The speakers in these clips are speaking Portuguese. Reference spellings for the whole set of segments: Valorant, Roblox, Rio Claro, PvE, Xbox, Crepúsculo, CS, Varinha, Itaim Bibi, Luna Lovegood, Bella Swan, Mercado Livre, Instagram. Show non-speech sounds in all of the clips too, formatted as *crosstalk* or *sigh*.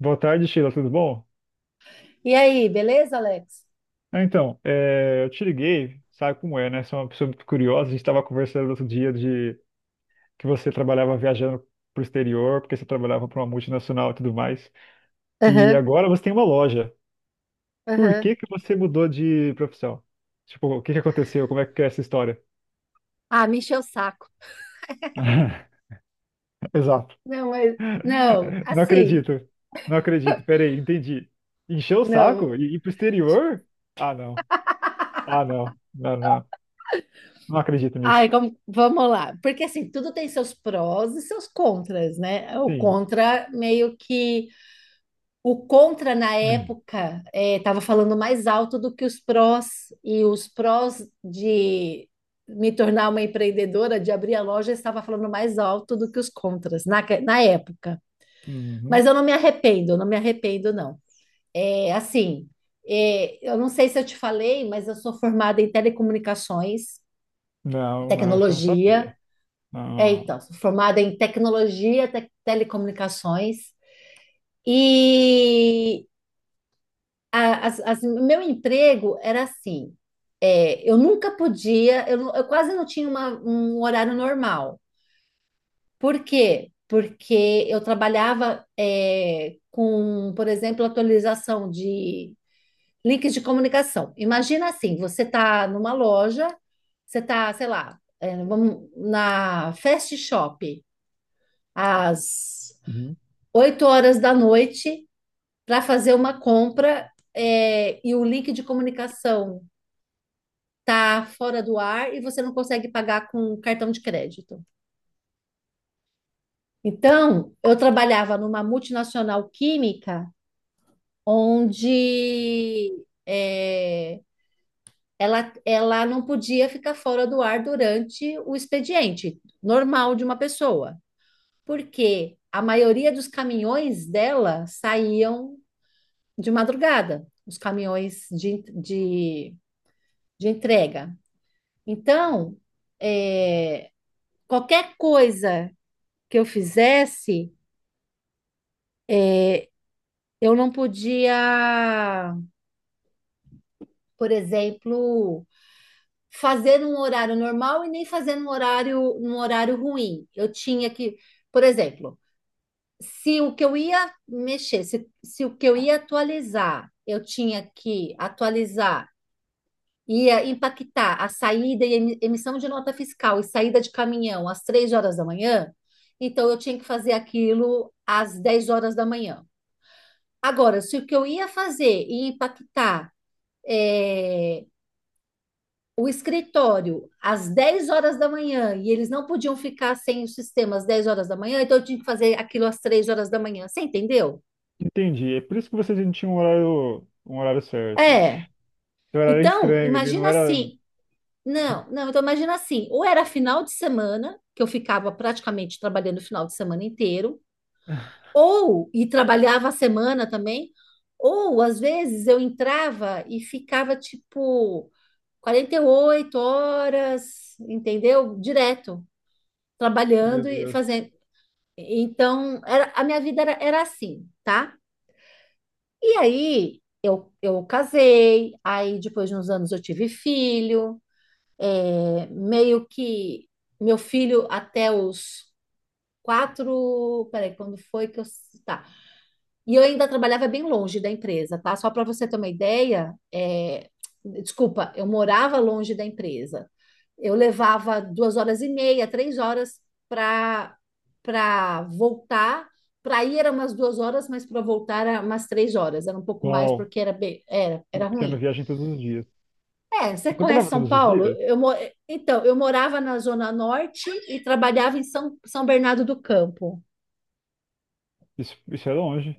Boa tarde, Sheila, tudo bom? E aí, beleza, Alex? Eu te liguei, sabe como é, né? Sou uma pessoa muito curiosa. A gente estava conversando outro dia de que você trabalhava viajando para o exterior, porque você trabalhava para uma multinacional e tudo mais. E Aham, agora você tem uma loja. Por aham. que que você mudou de profissão? Tipo, o que aconteceu? Como é que é essa história? Ah, me encheu o saco. *laughs* Exato. Não, mas não, Não assim, acredito. Não acredito. Peraí, entendi. Encheu o saco não. e ir pro exterior? Ah, não. Ah, não. Não, não. Não acredito Ai, nisso. como, vamos lá. Porque assim, tudo tem seus prós e seus contras, né? O Sim. contra meio que o contra na época estava falando mais alto do que os prós e os prós de me tornar uma empreendedora, de abrir a loja, estava falando mais alto do que os contras na época. Uhum. Mas eu não me arrependo, eu não me arrependo, não. É, assim, eu não sei se eu te falei, mas eu sou formada em telecomunicações, Não, não, isso eu não tecnologia. sabia. É, Não. então, sou formada em tecnologia, telecomunicações. E meu emprego era assim: eu nunca podia, eu quase não tinha um horário normal. Por quê? Porque eu trabalhava com, por exemplo, atualização links de comunicação. Imagina assim, você está numa loja, você está, sei lá, na Fast Shop, às Uhum. 8 horas da noite, para fazer uma compra, e o link de comunicação está fora do ar e você não consegue pagar com cartão de crédito. Então, eu trabalhava numa multinacional química, onde... é, ela, ela não podia ficar fora do ar durante o expediente normal de uma pessoa, porque a maioria dos caminhões dela saíam de madrugada, os caminhões de entrega. Então, é, qualquer coisa que eu fizesse, eu não podia, por exemplo, fazer num horário normal e nem fazer num horário ruim. Eu tinha que, por exemplo, se o que eu ia mexer, se o que eu ia atualizar, eu tinha que atualizar, ia impactar a saída e emissão de nota fiscal e saída de caminhão às 3 horas da manhã, então eu tinha que fazer aquilo às 10 horas da manhã. Agora, se o que eu ia fazer ia impactar eh, o escritório às 10 horas da manhã e eles não podiam ficar sem o sistema às 10 horas da manhã, então eu tinha que fazer aquilo às 3 horas da manhã. Você entendeu? Entendi. É por isso que vocês não tinham um horário certo. É. Seu horário era Então, estranho, ele não imagina era. assim. Não, não, então imagina assim, ou era final de semana, que eu ficava praticamente trabalhando o final de semana inteiro, ou e trabalhava a semana também, ou às vezes eu entrava e ficava tipo 48 horas, entendeu? Direto, Meu trabalhando e Deus. fazendo. Então, a minha vida era assim, tá? E aí eu casei, aí depois de uns anos eu tive filho. É, meio que meu filho até os 4. Peraí, quando foi que eu. Tá. E eu ainda trabalhava bem longe da empresa, tá? Só para você ter uma ideia, desculpa, eu morava longe da empresa. Eu levava 2 horas e meia, 3 horas para para voltar. Para ir eram umas 2 horas, mas para voltar era umas 3 horas. Era um pouco mais Uau, porque era, bem- era, uma era pequena ruim. viagem todos os dias. É, você Você conhece trabalhava São todos os Paulo? dias? Então, eu morava na Zona Norte e trabalhava em São Bernardo do Campo. Isso é longe.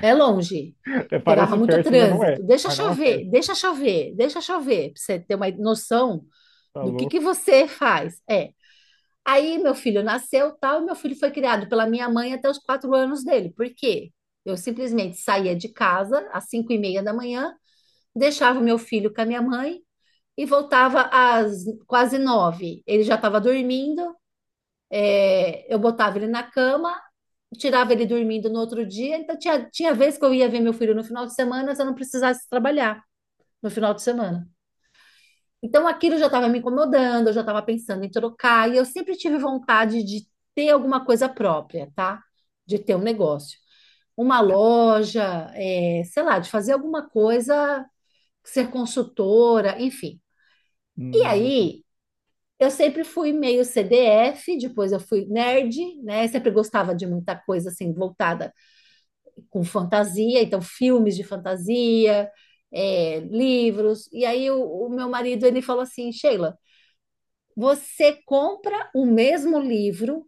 É longe. *laughs* É, Eu pegava parece muito perto, mas não trânsito. é. Deixa Mas não é perto. chover, deixa chover, deixa chover, para você ter uma noção Tá do que louco. você faz. É. Aí meu filho nasceu, tal, e meu filho foi criado pela minha mãe até os 4 anos dele. Por quê? Eu simplesmente saía de casa às 5h30 da manhã, deixava o meu filho com a minha mãe e voltava às quase nove. Ele já estava dormindo. Eu botava ele na cama, tirava ele dormindo no outro dia. Então, tinha vez que eu ia ver meu filho no final de semana se eu não precisasse trabalhar no final de semana. Então, aquilo já estava me incomodando, eu já estava pensando em trocar. E eu sempre tive vontade de ter alguma coisa própria, tá? De ter um negócio. Uma loja, sei lá, de fazer alguma coisa, ser consultora, enfim. E Hum. aí, eu sempre fui meio CDF, depois eu fui nerd, né? Sempre gostava de muita coisa assim voltada com fantasia, então filmes de fantasia, livros. E aí o meu marido ele falou assim, Sheila, você compra o mesmo livro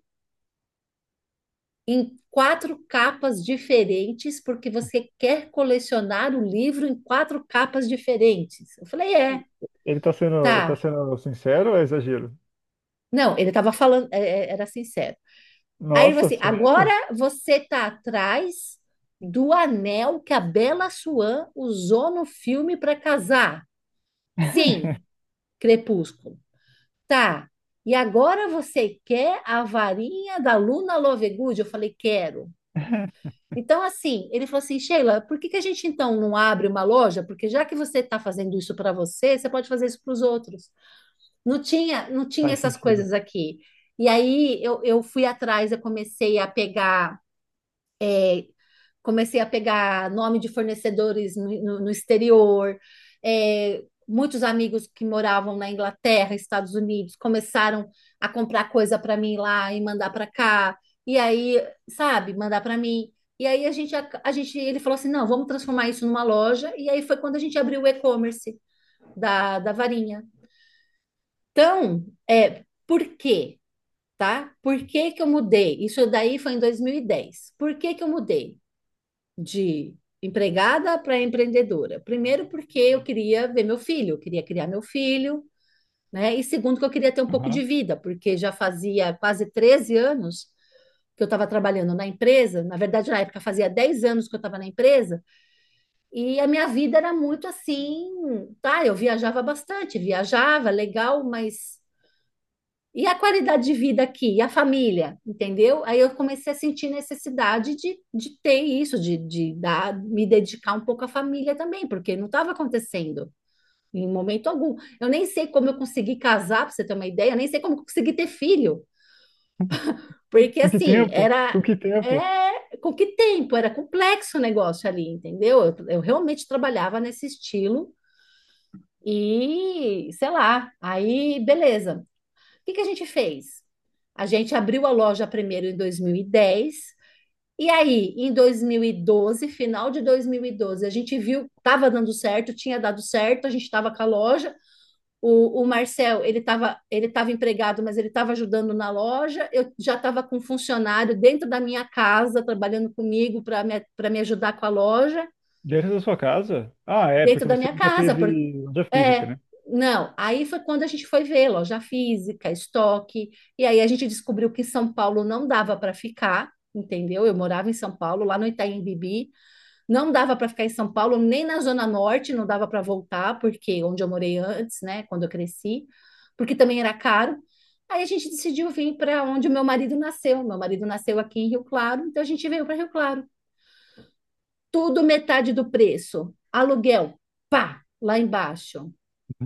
em quatro capas diferentes porque você quer colecionar o livro em quatro capas diferentes. Eu falei, é, Ele tá sendo, ele tá tá. sendo sincero ou é exagero? Não, ele estava falando, era sincero. Aí ele falou Nossa, assim: sério? agora você está atrás do anel que a Bella Swan usou no filme para casar. Sim, *laughs* Crepúsculo. Tá. E agora você quer a varinha da Luna Lovegood? Eu falei: quero. Então, assim, ele falou assim: Sheila, por que que a gente então não abre uma loja? Porque já que você está fazendo isso para você, você pode fazer isso para os outros. Não tinha Faz essas sentido. coisas aqui. E aí eu fui atrás, eu comecei a pegar é, comecei a pegar nome de fornecedores no exterior. É, muitos amigos que moravam na Inglaterra, Estados Unidos, começaram a comprar coisa para mim lá e mandar para cá. E aí, sabe, mandar para mim. E aí a gente, ele falou assim, não, vamos transformar isso numa loja. E aí foi quando a gente abriu o e-commerce da Varinha. Então, por quê? Tá? Por que que eu mudei? Isso daí foi em 2010. Por que que eu mudei? De empregada para empreendedora. Primeiro, porque eu queria ver meu filho, eu queria criar meu filho, né? E segundo, que eu queria ter um pouco de Uhum. vida, porque já fazia quase 13 anos que eu estava trabalhando na empresa. Na verdade, na época fazia 10 anos que eu estava na empresa, e a minha vida era muito assim, tá? Eu viajava bastante, viajava, legal, mas e a qualidade de vida aqui, e a família, entendeu? Aí eu comecei a sentir necessidade de ter isso, de me dedicar um pouco à família também, porque não estava acontecendo em momento algum. Eu nem sei como eu consegui casar, para você ter uma ideia, eu nem sei como eu consegui ter filho, porque Com que assim, tempo? era. Com que tempo? É, com que tempo? Era complexo o negócio ali, entendeu? Eu realmente trabalhava nesse estilo e, sei lá, aí beleza. O que que a gente fez? A gente abriu a loja primeiro em 2010 e aí, em 2012, final de 2012, a gente viu, estava dando certo, tinha dado certo, a gente estava com a loja. O Marcel, ele estava empregado, mas ele estava ajudando na loja. Eu já estava com um funcionário dentro da minha casa, trabalhando comigo pra me ajudar com a loja Dentro da sua casa? Ah, é, dentro porque da você minha nunca casa, teve porque loja física, é, né? não. Aí foi quando a gente foi ver loja física, estoque, e aí a gente descobriu que São Paulo não dava para ficar, entendeu? Eu morava em São Paulo, lá no Itaim Bibi, não dava para ficar em São Paulo, nem na Zona Norte, não dava para voltar, porque onde eu morei antes, né, quando eu cresci, porque também era caro. Aí a gente decidiu vir para onde o meu marido nasceu. Meu marido nasceu aqui em Rio Claro, então a gente veio para Rio Claro tudo metade do preço. Aluguel, pá, lá embaixo.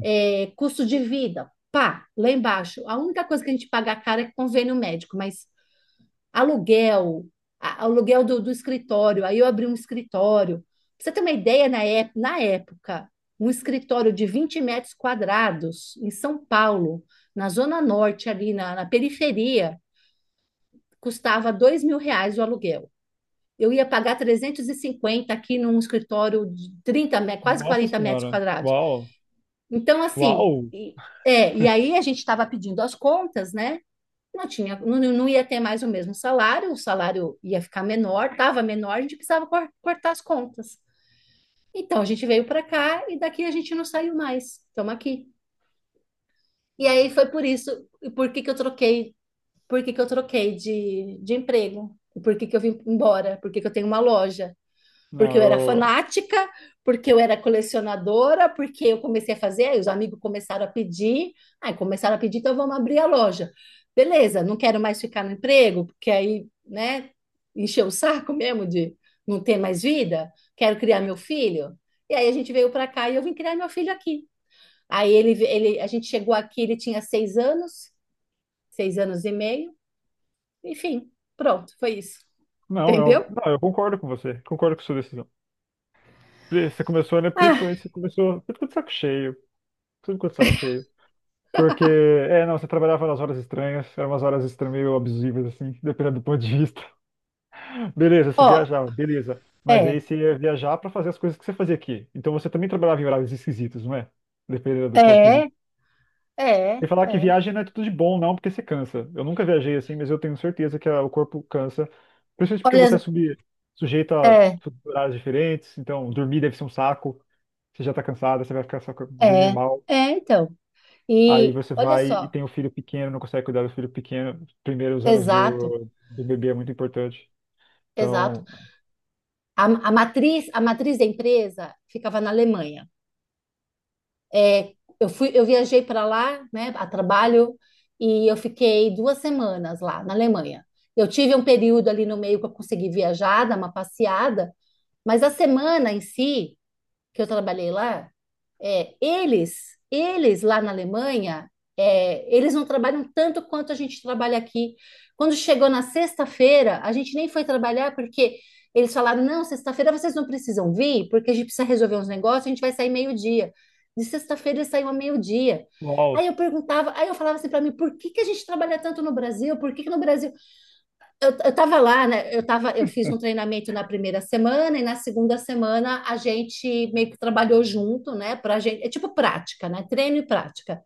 É, custo de vida, pá, lá embaixo. A única coisa que a gente paga cara é convênio médico, mas aluguel, aluguel do escritório. Aí eu abri um escritório. Pra você ter uma ideia, na época, um escritório de 20 metros quadrados em São Paulo, na Zona Norte, ali na periferia, custava R$ 2.000 o aluguel. Eu ia pagar 350 aqui num escritório de quase Nossa quarenta metros senhora. quadrados. Uau. Então, assim, Uau. E aí a gente estava pedindo as contas, né? Não tinha. Não, não ia ter mais o mesmo salário, o salário ia ficar menor, estava menor, a gente precisava cortar as contas. Então, a gente veio para cá e daqui a gente não saiu mais. Estamos aqui. E aí foi por isso, e por que que eu troquei, por que que eu troquei de emprego? Por que que eu vim embora? Por que que eu tenho uma loja? Porque Não, eu era eu. fanática, porque eu era colecionadora, porque eu comecei a fazer, aí os amigos começaram a pedir, aí começaram a pedir, então vamos abrir a loja. Beleza, não quero mais ficar no emprego, porque aí, né, encheu o saco mesmo de não ter mais vida, quero criar meu filho. E aí a gente veio para cá e eu vim criar meu filho aqui. Aí a gente chegou aqui, ele tinha 6 anos, 6 anos e meio, enfim, pronto, foi isso. Não, Entendeu? Eu concordo com você. Concordo com sua decisão. Você começou, né? Ah, Principalmente você começou. Você ficou de saco cheio. Você ficou de saco cheio. Porque, é, não, você trabalhava nas horas estranhas. Eram umas horas estranhas, meio abusivas, assim, *laughs* dependendo do ponto de vista. *laughs* Beleza, você ó, viajava, beleza. Mas aí é, você ia viajar pra fazer as coisas que você fazia aqui. Então você também trabalhava em horários esquisitos, não é? Dependendo do ponto de é, vista. é, E falar que é. viagem não é tudo de bom, não, porque você cansa. Eu nunca viajei assim, mas eu tenho certeza que ah, o corpo cansa. Principalmente porque Olha, sujeito a é, horários diferentes, então dormir deve ser um saco. Você já tá cansado, você vai ficar só dormir é, mal. é, então. Aí E você olha vai e só, tem o filho pequeno, não consegue cuidar do filho pequeno. Primeiro, os anos exato, do bebê é muito importante. exato. Então, A matriz da empresa ficava na Alemanha. É, eu viajei para lá, né, a trabalho, e eu fiquei 2 semanas lá na Alemanha. Eu tive um período ali no meio que eu consegui viajar, dar uma passeada, mas a semana em si que eu trabalhei lá, é, eles, eles lá na Alemanha, eles não trabalham tanto quanto a gente trabalha aqui. Quando chegou na sexta-feira, a gente nem foi trabalhar porque eles falaram: não, sexta-feira vocês não precisam vir, porque a gente precisa resolver uns negócios, a gente vai sair meio-dia. De sexta-feira eles saíam a meio-dia. Aí uau, eu perguntava, aí eu falava assim para mim, por que que a gente trabalha tanto no Brasil? Por que que no Brasil? Eu estava lá, né? Eu fiz um treinamento na primeira semana e na segunda semana a gente meio que trabalhou junto, né? Pra gente, é tipo prática, né? Treino e prática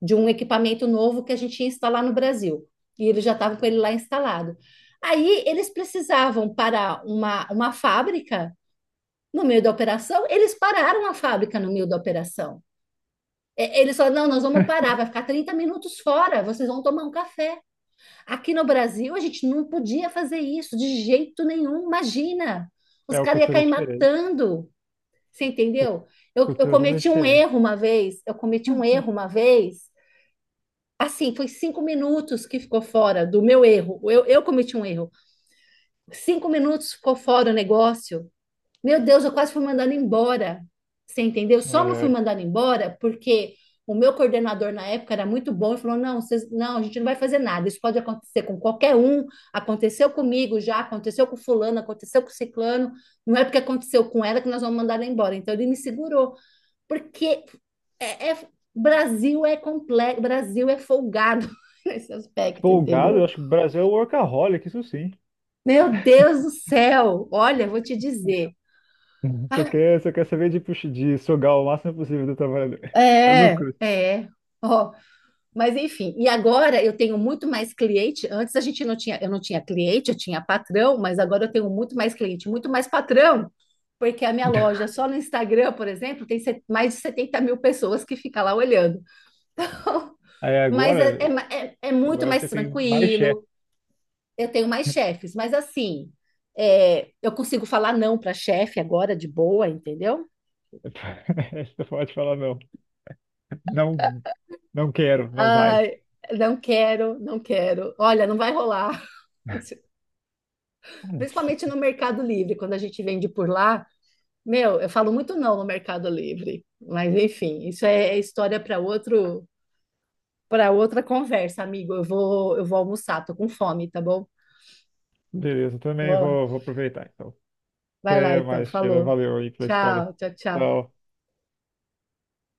de um equipamento novo que a gente ia instalar no Brasil. E eles já estavam com ele lá instalado. Aí eles precisavam parar uma fábrica no meio da operação, eles pararam a fábrica no meio da operação. É, eles falaram: não, nós vamos parar, vai ficar 30 minutos fora, vocês vão tomar um café. Aqui no Brasil, a gente não podia fazer isso de jeito nenhum, imagina. Os é uma caras iam cultura cair diferente. matando, você Cu- entendeu? Eu Cultura totalmente cometi um diferente. erro uma vez, eu cometi um erro *laughs* uma vez, assim, foi 5 minutos que ficou fora do meu erro, eu cometi um erro. 5 minutos ficou fora o negócio, meu Deus, eu quase fui mandada embora. Você entendeu? Só Ai, não fui ai. mandada embora porque o meu coordenador na época era muito bom e falou: não, vocês, não, a gente não vai fazer nada. Isso pode acontecer com qualquer um. Aconteceu comigo já, aconteceu com fulano, aconteceu com ciclano. Não é porque aconteceu com ela que nós vamos mandar ela embora. Então ele me segurou, porque é, é- Brasil é complexo, Brasil é folgado *laughs* nesse aspecto, Folgado, eu entendeu? acho que o Brasil é um workaholic, isso sim. Meu Deus do céu! Olha, vou te dizer. *laughs* Você quer saber de, de sugar o máximo possível do trabalhador. É É, lucro. é. Ó, mas enfim, e agora eu tenho muito mais cliente. Antes a gente não tinha, eu não tinha cliente, eu tinha patrão, mas agora eu tenho muito mais cliente, muito mais patrão, porque a minha loja *laughs* só no Instagram, por exemplo, tem mais de 70 mil pessoas que ficam lá olhando. *laughs* Aí Mas é, é, agora, ma- é- é muito agora você mais tem mais chefe. tranquilo, eu tenho mais chefes, mas assim, eu consigo falar não para chefe agora de boa, entendeu? *laughs* Você pode falar não. Não, não quero, não vai. Ai, não quero, não quero. Olha, não vai rolar. *laughs* Principalmente no Mercado Livre, quando a gente vende por lá, meu, eu falo muito não no Mercado Livre. Mas enfim, isso é história para outra conversa, amigo. Eu vou almoçar, tô com fome, tá bom? Beleza, também Vou lá. vou, vou aproveitar então. Vai lá Até então, mais, Sheila. falou. Valeu aí pela história. Tchau, tchau, tchau. Tchau.